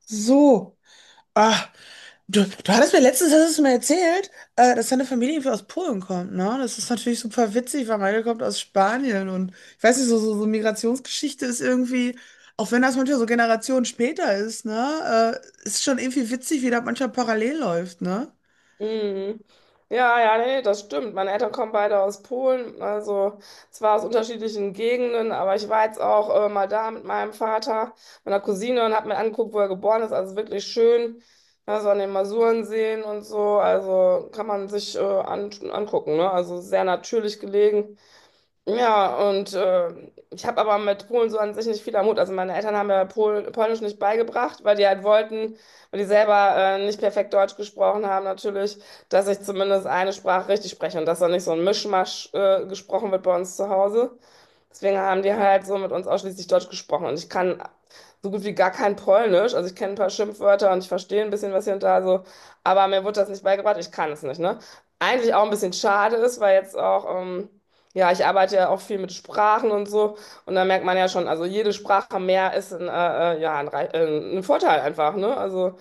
So. Ah, du hattest mir letztens, hast du mir erzählt, dass deine Familie irgendwie aus Polen kommt, ne? Das ist natürlich super witzig, weil meine kommt aus Spanien und ich weiß nicht, so Migrationsgeschichte ist irgendwie, auch wenn das manchmal so Generationen später ist, ne? Ist schon irgendwie witzig, wie da manchmal parallel läuft, ne? Mhm. Ja, ja, nee, das stimmt. Meine Eltern kommen beide aus Polen, also zwar aus unterschiedlichen Gegenden, aber ich war jetzt auch mal da mit meinem Vater, meiner Cousine und habe mir angeguckt, wo er geboren ist. Also wirklich schön, also an den Masuren sehen und so. Also kann man sich angucken, ne? Also sehr natürlich gelegen. Ja, und ich habe aber mit Polen so an sich nicht viel am Hut. Also meine Eltern haben mir Polnisch nicht beigebracht, weil die halt wollten, weil die selber nicht perfekt Deutsch gesprochen haben natürlich, dass ich zumindest eine Sprache richtig spreche und dass da nicht so ein Mischmasch gesprochen wird bei uns zu Hause. Deswegen haben die halt so mit uns ausschließlich Deutsch gesprochen. Und ich kann so gut wie gar kein Polnisch. Also ich kenne ein paar Schimpfwörter und ich verstehe ein bisschen was hier und da so. Aber mir wurde das nicht beigebracht. Ich kann es nicht, ne? Eigentlich auch ein bisschen schade ist, weil jetzt auch... ja, ich arbeite ja auch viel mit Sprachen und so. Und da merkt man ja schon, also jede Sprache mehr ist ein Vorteil einfach, ne? Also,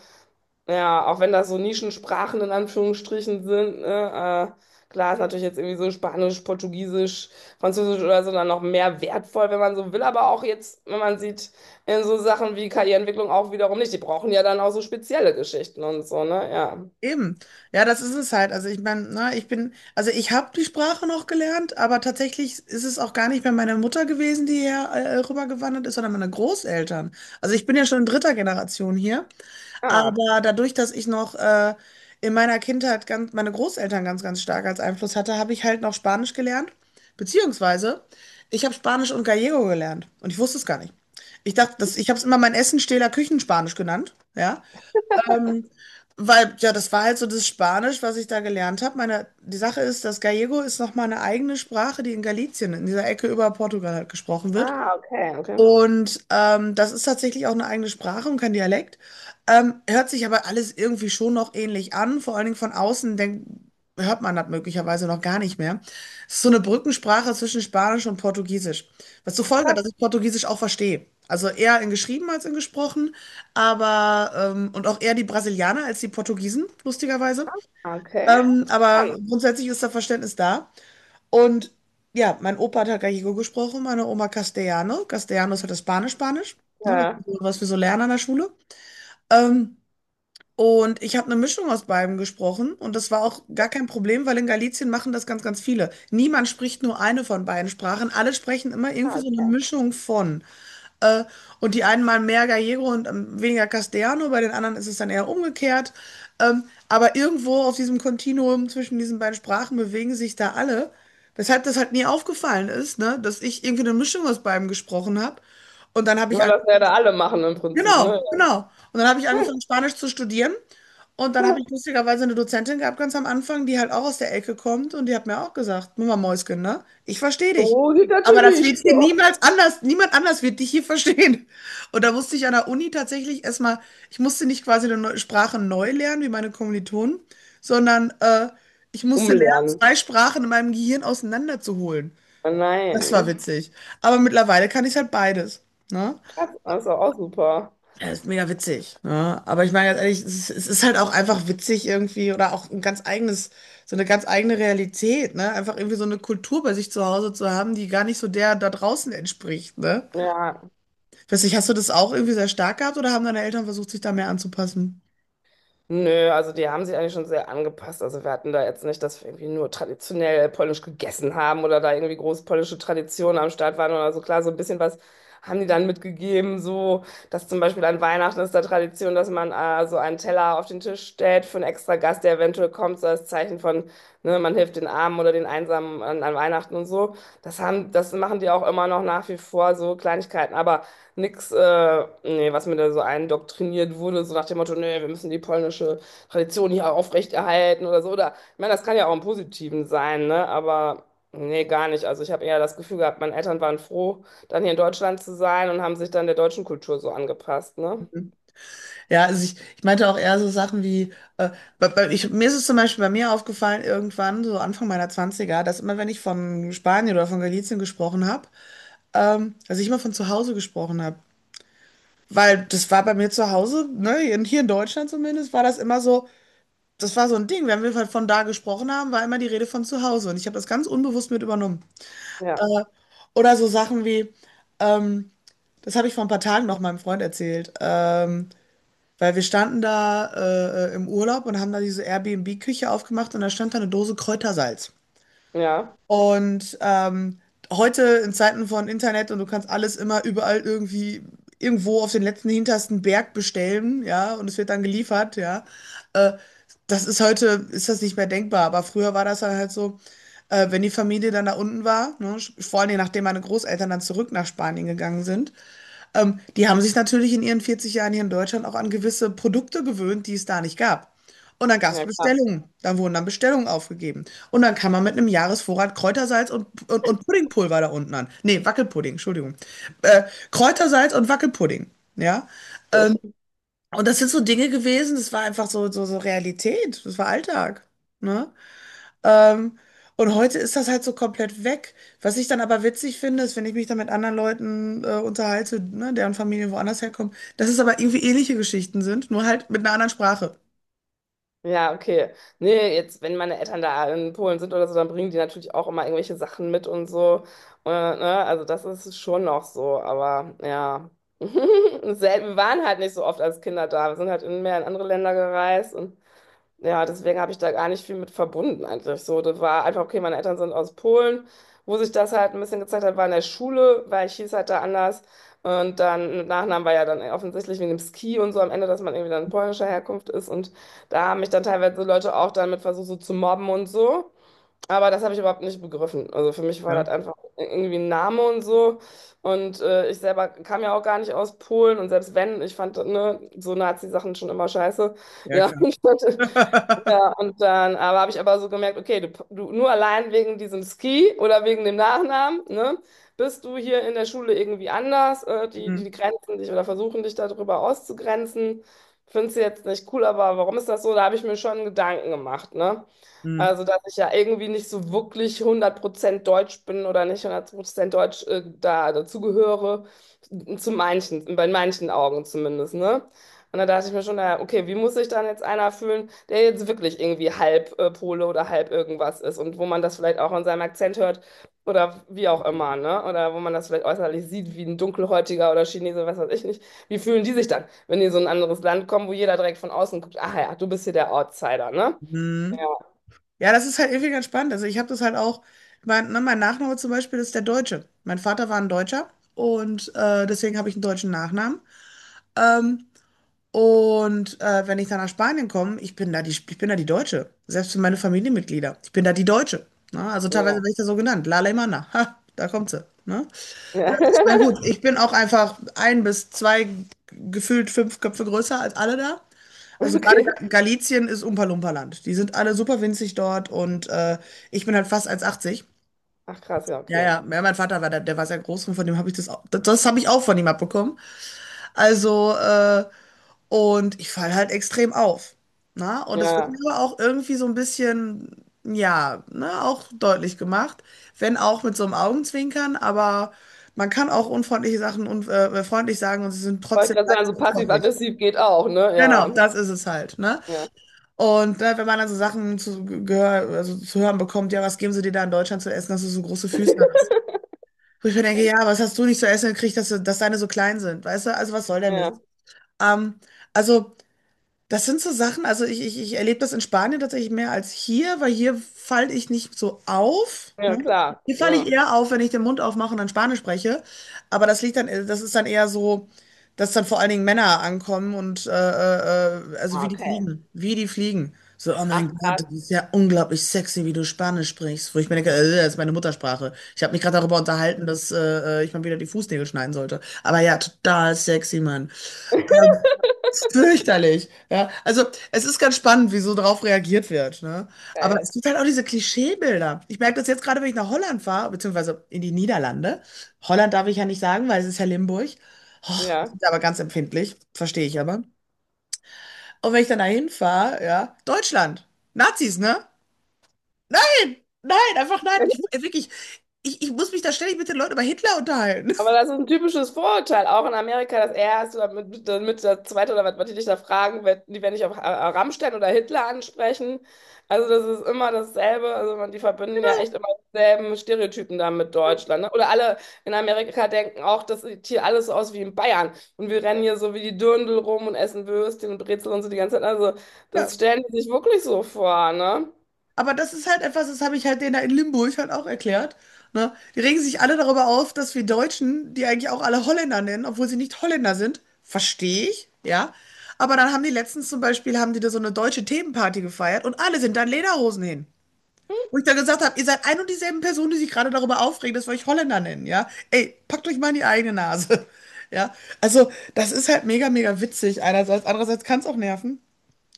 ja, auch wenn das so Nischensprachen in Anführungsstrichen sind, ne? Klar ist natürlich jetzt irgendwie so Spanisch, Portugiesisch, Französisch oder so dann noch mehr wertvoll, wenn man so will. Aber auch jetzt, wenn man sieht, in so Sachen wie KI-Entwicklung auch wiederum nicht. Die brauchen ja dann auch so spezielle Geschichten und so, ne? Ja. Eben. Ja, das ist es halt. Also ich meine, ne, also ich habe die Sprache noch gelernt, aber tatsächlich ist es auch gar nicht mehr meine Mutter gewesen, die hier rübergewandert ist, sondern meine Großeltern. Also ich bin ja schon in dritter Generation hier. Ah, Aber dadurch, dass ich noch in meiner Kindheit meine Großeltern ganz, ganz stark als Einfluss hatte, habe ich halt noch Spanisch gelernt. Beziehungsweise, ich habe Spanisch und Gallego gelernt. Und ich wusste es gar nicht. Ich dachte, ich habe es immer meinen Essenstähler Küchenspanisch genannt. Ja. Ähm, Weil, ja, das war halt so das Spanisch, was ich da gelernt habe. Meine, die Sache ist, das Gallego ist nochmal eine eigene Sprache, die in Galicien, in dieser Ecke über Portugal halt gesprochen wird. ah, okay, okay. Und das ist tatsächlich auch eine eigene Sprache und kein Dialekt. Hört sich aber alles irgendwie schon noch ähnlich an. Vor allen Dingen von außen hört man das möglicherweise noch gar nicht mehr. Es ist so eine Brückensprache zwischen Spanisch und Portugiesisch. Was zur Ach, Folge hat, krass. dass ich Portugiesisch auch verstehe. Also eher in geschrieben als in gesprochen, aber und auch eher die Brasilianer als die Portugiesen, lustigerweise. Okay, Aber dann. grundsätzlich ist da Verständnis da. Und ja, mein Opa hat halt Gallego gesprochen, meine Oma Castellano. Castellano ist halt das Spanisch-Spanisch, ne, Ja, was wir so lernen an der Schule. Ähm, und ich habe eine Mischung aus beidem gesprochen und das war auch gar kein Problem, weil in Galicien machen das ganz, ganz viele. Niemand spricht nur eine von beiden Sprachen, alle sprechen immer irgendwie ah, so eine okay. Mischung von. Äh, und die einen mal mehr Gallego und weniger Castellano, bei den anderen ist es dann eher umgekehrt. Aber irgendwo auf diesem Kontinuum zwischen diesen beiden Sprachen bewegen sich da alle. Weshalb das halt nie aufgefallen ist, ne? Dass ich irgendwie eine Mischung aus beidem gesprochen habe. Und dann habe ich Ja, das werden alle machen im Prinzip, Genau, ne? genau. Und dann habe ich angefangen, Spanisch zu studieren. Und dann habe ich lustigerweise eine Dozentin gehabt, ganz am Anfang, die halt auch aus der Ecke kommt. Und die hat mir auch gesagt, Mama Mäuschen, ne? Ich verstehe dich. So geht das Aber hier das wird nicht. hier So. niemals anders, niemand anders wird dich hier verstehen. Und da musste ich an der Uni tatsächlich erstmal, ich musste nicht quasi eine neue Sprache neu lernen, wie meine Kommilitonen, sondern ich musste lernen, Umlernen. zwei Sprachen in meinem Gehirn auseinanderzuholen. Oh Das war Nein. witzig. Aber mittlerweile kann ich halt beides. Ne? Krass, also auch super. Ja, ist mega witzig. Ne? Aber ich meine ganz ehrlich, es ist halt auch einfach witzig irgendwie oder auch ein ganz eigenes, so eine ganz eigene Realität, ne? Einfach irgendwie so eine Kultur bei sich zu Hause zu haben, die gar nicht so der da draußen entspricht, ne? Ja. Ich weiß nicht, hast du das auch irgendwie sehr stark gehabt oder haben deine Eltern versucht, sich da mehr anzupassen? Nö, also die haben sich eigentlich schon sehr angepasst. Also wir hatten da jetzt nicht, dass wir irgendwie nur traditionell polnisch gegessen haben oder da irgendwie große polnische Traditionen am Start waren oder so. Klar, so ein bisschen was haben die dann mitgegeben, so dass zum Beispiel an Weihnachten ist da Tradition, dass man so einen Teller auf den Tisch stellt für einen extra Gast, der eventuell kommt, so als Zeichen von, ne, man hilft den Armen oder den Einsamen an, an Weihnachten und so. Das haben, das machen die auch immer noch nach wie vor, so Kleinigkeiten. Aber Nix, was mir da so eindoktriniert wurde, so nach dem Motto, nee, wir müssen die polnische Tradition hier aufrechterhalten oder so. Oder, ich meine, das kann ja auch im Positiven sein, ne? Aber nee, gar nicht. Also ich habe eher das Gefühl gehabt, meine Eltern waren froh, dann hier in Deutschland zu sein und haben sich dann der deutschen Kultur so angepasst, ne? Ja, also ich meinte auch eher so Sachen wie, äh, mir ist es zum Beispiel bei mir aufgefallen, irgendwann, so Anfang meiner Zwanziger, dass immer wenn ich von Spanien oder von Galicien gesprochen habe, dass ich immer von zu Hause gesprochen habe. Weil das war bei mir zu Hause, ne, hier in Deutschland zumindest, war das immer so, das war so ein Ding. Wenn wir halt von da gesprochen haben, war immer die Rede von zu Hause. Und ich habe das ganz unbewusst mit übernommen. Ja, Oder so Sachen wie, ähm, das habe ich vor ein paar Tagen noch meinem Freund erzählt, weil wir standen da im Urlaub und haben da diese Airbnb-Küche aufgemacht und da stand da eine Dose Kräutersalz. ja, Und heute in Zeiten von Internet und du kannst alles immer überall irgendwie irgendwo auf den letzten hintersten Berg bestellen, ja, und es wird dann geliefert, ja. Äh, Das ist heute, ist das nicht mehr denkbar, aber früher war das dann halt so, wenn die Familie dann da unten war, ne, vor allen Dingen nachdem meine Großeltern dann zurück nach Spanien gegangen sind, die haben sich natürlich in ihren 40 Jahren hier in Deutschland auch an gewisse Produkte gewöhnt, die es da nicht gab. Und dann gab es ja, klar. Bestellungen. Dann wurden dann Bestellungen aufgegeben. Und dann kam man mit einem Jahresvorrat Kräutersalz und Puddingpulver da unten an. Nee, Wackelpudding, Entschuldigung. Äh, Kräutersalz und Wackelpudding. Ja. Ähm, und das sind so Dinge gewesen, das war einfach so Realität. Das war Alltag. Ne? Ähm, und heute ist das halt so komplett weg. Was ich dann aber witzig finde, ist, wenn ich mich dann mit anderen Leuten unterhalte, ne, deren Familien woanders herkommen, dass es aber irgendwie ähnliche Geschichten sind, nur halt mit einer anderen Sprache. Ja, okay. Nee, jetzt, wenn meine Eltern da in Polen sind oder so, dann bringen die natürlich auch immer irgendwelche Sachen mit und so. Ne? Also das ist schon noch so, aber ja. Wir waren halt nicht so oft als Kinder da. Wir sind halt in mehr in andere Länder gereist und ja, deswegen habe ich da gar nicht viel mit verbunden eigentlich. So, das war einfach, okay, meine Eltern sind aus Polen, wo sich das halt ein bisschen gezeigt hat, war in der Schule, weil ich hieß halt da anders. Und dann mit Nachnamen war ja dann offensichtlich wegen dem Ski und so am Ende, dass man irgendwie dann polnischer Herkunft ist. Und da haben mich dann teilweise Leute auch dann mit versucht, so zu mobben und so. Aber das habe ich überhaupt nicht begriffen. Also für mich war Ja, das einfach irgendwie ein Name und so. Und ich selber kam ja auch gar nicht aus Polen. Und selbst wenn, ich fand, ne, so Nazi-Sachen schon immer scheiße. ja, Ja, klar. Ja, und dann aber habe ich aber so gemerkt, okay, du nur allein wegen diesem Ski oder wegen dem Nachnamen, ne, bist du hier in der Schule irgendwie anders, Hm, die grenzen dich oder versuchen dich darüber auszugrenzen. Findest du jetzt nicht cool, aber warum ist das so? Da habe ich mir schon Gedanken gemacht, ne? hm, Also, dass ich ja irgendwie nicht so wirklich 100% deutsch bin oder nicht 100% deutsch da dazugehöre, zu manchen, bei manchen Augen zumindest, ne? Und da dachte ich mir schon, naja, okay, wie muss sich dann jetzt einer fühlen, der jetzt wirklich irgendwie halb Pole oder halb irgendwas ist und wo man das vielleicht auch in seinem Akzent hört oder wie auch immer, ne? Oder wo man das vielleicht äußerlich sieht, wie ein Dunkelhäutiger oder Chinese, was weiß ich nicht. Wie fühlen die sich dann, wenn die in so ein anderes Land kommen, wo jeder direkt von außen guckt, ach ja, du bist hier der Outsider, ne? hm. Ja, Ja, das ist halt irgendwie ganz spannend. Also ich habe das halt auch, mein Nachname zum Beispiel ist der Deutsche. Mein Vater war ein Deutscher und deswegen habe ich einen deutschen Nachnamen. Ähm, wenn ich dann nach Spanien komme, ich bin da die Deutsche. Selbst für meine Familienmitglieder. Ich bin da die Deutsche. Ne? Also teilweise ja, werde ich da so genannt. La Alemana. Ha, da kommt sie. Ne? ja. Ich meine, gut, ich bin auch einfach ein bis zwei, gefühlt fünf Köpfe größer als alle da. Also gerade Okay. Galicien ist Umpa-Lumpa-Land. Die sind alle super winzig dort und ich bin halt fast 1,80. Ach krass, ja, Ja, ja, okay. ja, mein Vater war da, der war sehr groß und von dem habe ich das auch, das, das habe ich auch von ihm abbekommen. Also, und ich falle halt extrem auf. Na? Und das wird mir Ja. aber auch irgendwie so ein bisschen, ja, ne, auch deutlich gemacht. Wenn auch mit so einem Augenzwinkern, aber man kann auch unfreundliche Sachen und freundlich sagen und sie sind Wollte trotzdem gerade sagen, leicht so unfreundlich. passiv-aggressiv geht auch, ne? Genau, Ja, das ist es halt, ne? ja, Und ne, wenn man dann so Sachen also zu hören bekommt, ja, was geben sie dir da in Deutschland zu essen, dass du so große Füße hast? Wo ich mir denke, ja, was hast du nicht zu essen gekriegt, dass deine so klein sind, weißt du? Also was soll der Mist? ja, Ähm, also. Das sind so Sachen, also ich erlebe das in Spanien tatsächlich mehr als hier, weil hier falle ich nicht so auf. Ne? ja, klar. Hier falle ich Ja. eher auf, wenn ich den Mund aufmache und dann Spanisch spreche. Aber das liegt dann, das ist dann eher so, dass dann vor allen Dingen Männer ankommen und also wie die Okay. fliegen. Wie die fliegen. So, oh Ach, mein Gott, krass, das ist ja unglaublich sexy, wie du Spanisch sprichst. Wo ich mir denke, das ist meine Muttersprache. Ich habe mich gerade darüber unterhalten, dass ich mal wieder die Fußnägel schneiden sollte. Aber ja, total sexy, Mann. Fürchterlich. Ja, also es ist ganz spannend, wie so drauf reagiert wird, ne? Aber es geil. gibt halt auch diese Klischeebilder. Ich merke das jetzt gerade, wenn ich nach Holland fahre, beziehungsweise in die Niederlande. Holland darf ich ja nicht sagen, weil es ist ja Limburg. Oh, Ja. sind aber ganz empfindlich, verstehe ich aber. Und wenn ich dann dahin fahre, ja, Deutschland, Nazis, ne? Nein, nein, einfach nein. Ich, wirklich, ich muss mich da ständig mit den Leuten über Hitler unterhalten. Aber das ist ein typisches Vorurteil, auch in Amerika, das erste oder mit das zweite oder was, was die dich da fragen, wird, die werden dich auf Rammstein oder Hitler ansprechen. Also das ist immer dasselbe. Also man, die verbinden ja echt immer dieselben Stereotypen da mit Deutschland. Ne? Oder alle in Amerika denken auch, das sieht hier alles so aus wie in Bayern. Und wir rennen hier so wie die Dirndl rum und essen Würstchen und Brezel und so die ganze Zeit. Also das stellen die sich wirklich so vor, ne? Aber das ist halt etwas, das habe ich halt denen da in Limburg halt auch erklärt. Ne? Die regen sich alle darüber auf, dass wir Deutschen, die eigentlich auch alle Holländer nennen, obwohl sie nicht Holländer sind, verstehe ich, ja. Aber dann haben die letztens zum Beispiel, haben die da so eine deutsche Themenparty gefeiert und alle sind dann Lederhosen hin. Hm? Wo ich dann gesagt habe, ihr seid ein und dieselben Personen, die sich gerade darüber aufregen, dass wir euch Holländer nennen, ja. Ey, packt euch mal in die eigene Nase. Ja, also das ist halt mega, mega witzig einerseits. Andererseits kann es auch nerven.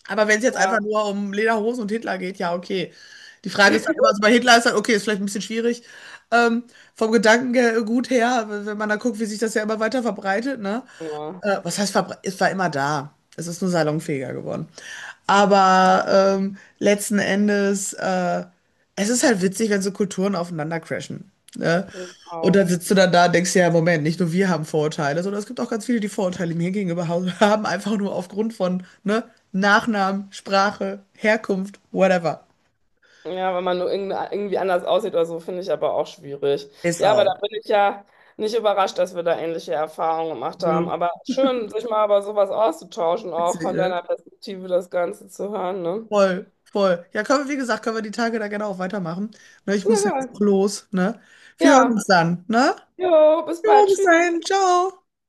Aber wenn es jetzt einfach Ja, nur um Lederhosen und Hitler geht, ja, okay. Die Frage ist dann immer, also bei Hitler ist dann, okay, ist vielleicht ein bisschen schwierig. Ähm, Vom Gedankengut her, wenn man da guckt, wie sich das ja immer weiter verbreitet, ne? ja, Was heißt, es war immer da. Es ist nur salonfähiger geworden. Aber letzten Endes, es ist halt witzig, wenn so Kulturen aufeinander crashen. Ne? Und genau. dann sitzt du dann da und denkst dir, ja, Moment, nicht nur wir haben Vorurteile, sondern es gibt auch ganz viele, die Vorurteile mir gegenüber haben, einfach nur aufgrund von ne, Nachnamen, Sprache, Herkunft, whatever. Ja, wenn man nur irgendwie anders aussieht oder so, finde ich aber auch schwierig. Ist Ja, aber da auch. bin ich ja nicht überrascht, dass wir da ähnliche Erfahrungen gemacht Nö. haben. Aber schön, sich mal über sowas auszutauschen, auch Witzig, von ne? deiner Perspektive das Ganze zu hören, ne? Voll, voll. Ja, können wir, wie gesagt, können wir die Tage da gerne auch weitermachen. Ne, ich Ja, muss jetzt geil. auch los, ne? Wir hören Ja, uns dann, ne? jo, bis Jo, bald. bis Tschüss. dahin, ciao.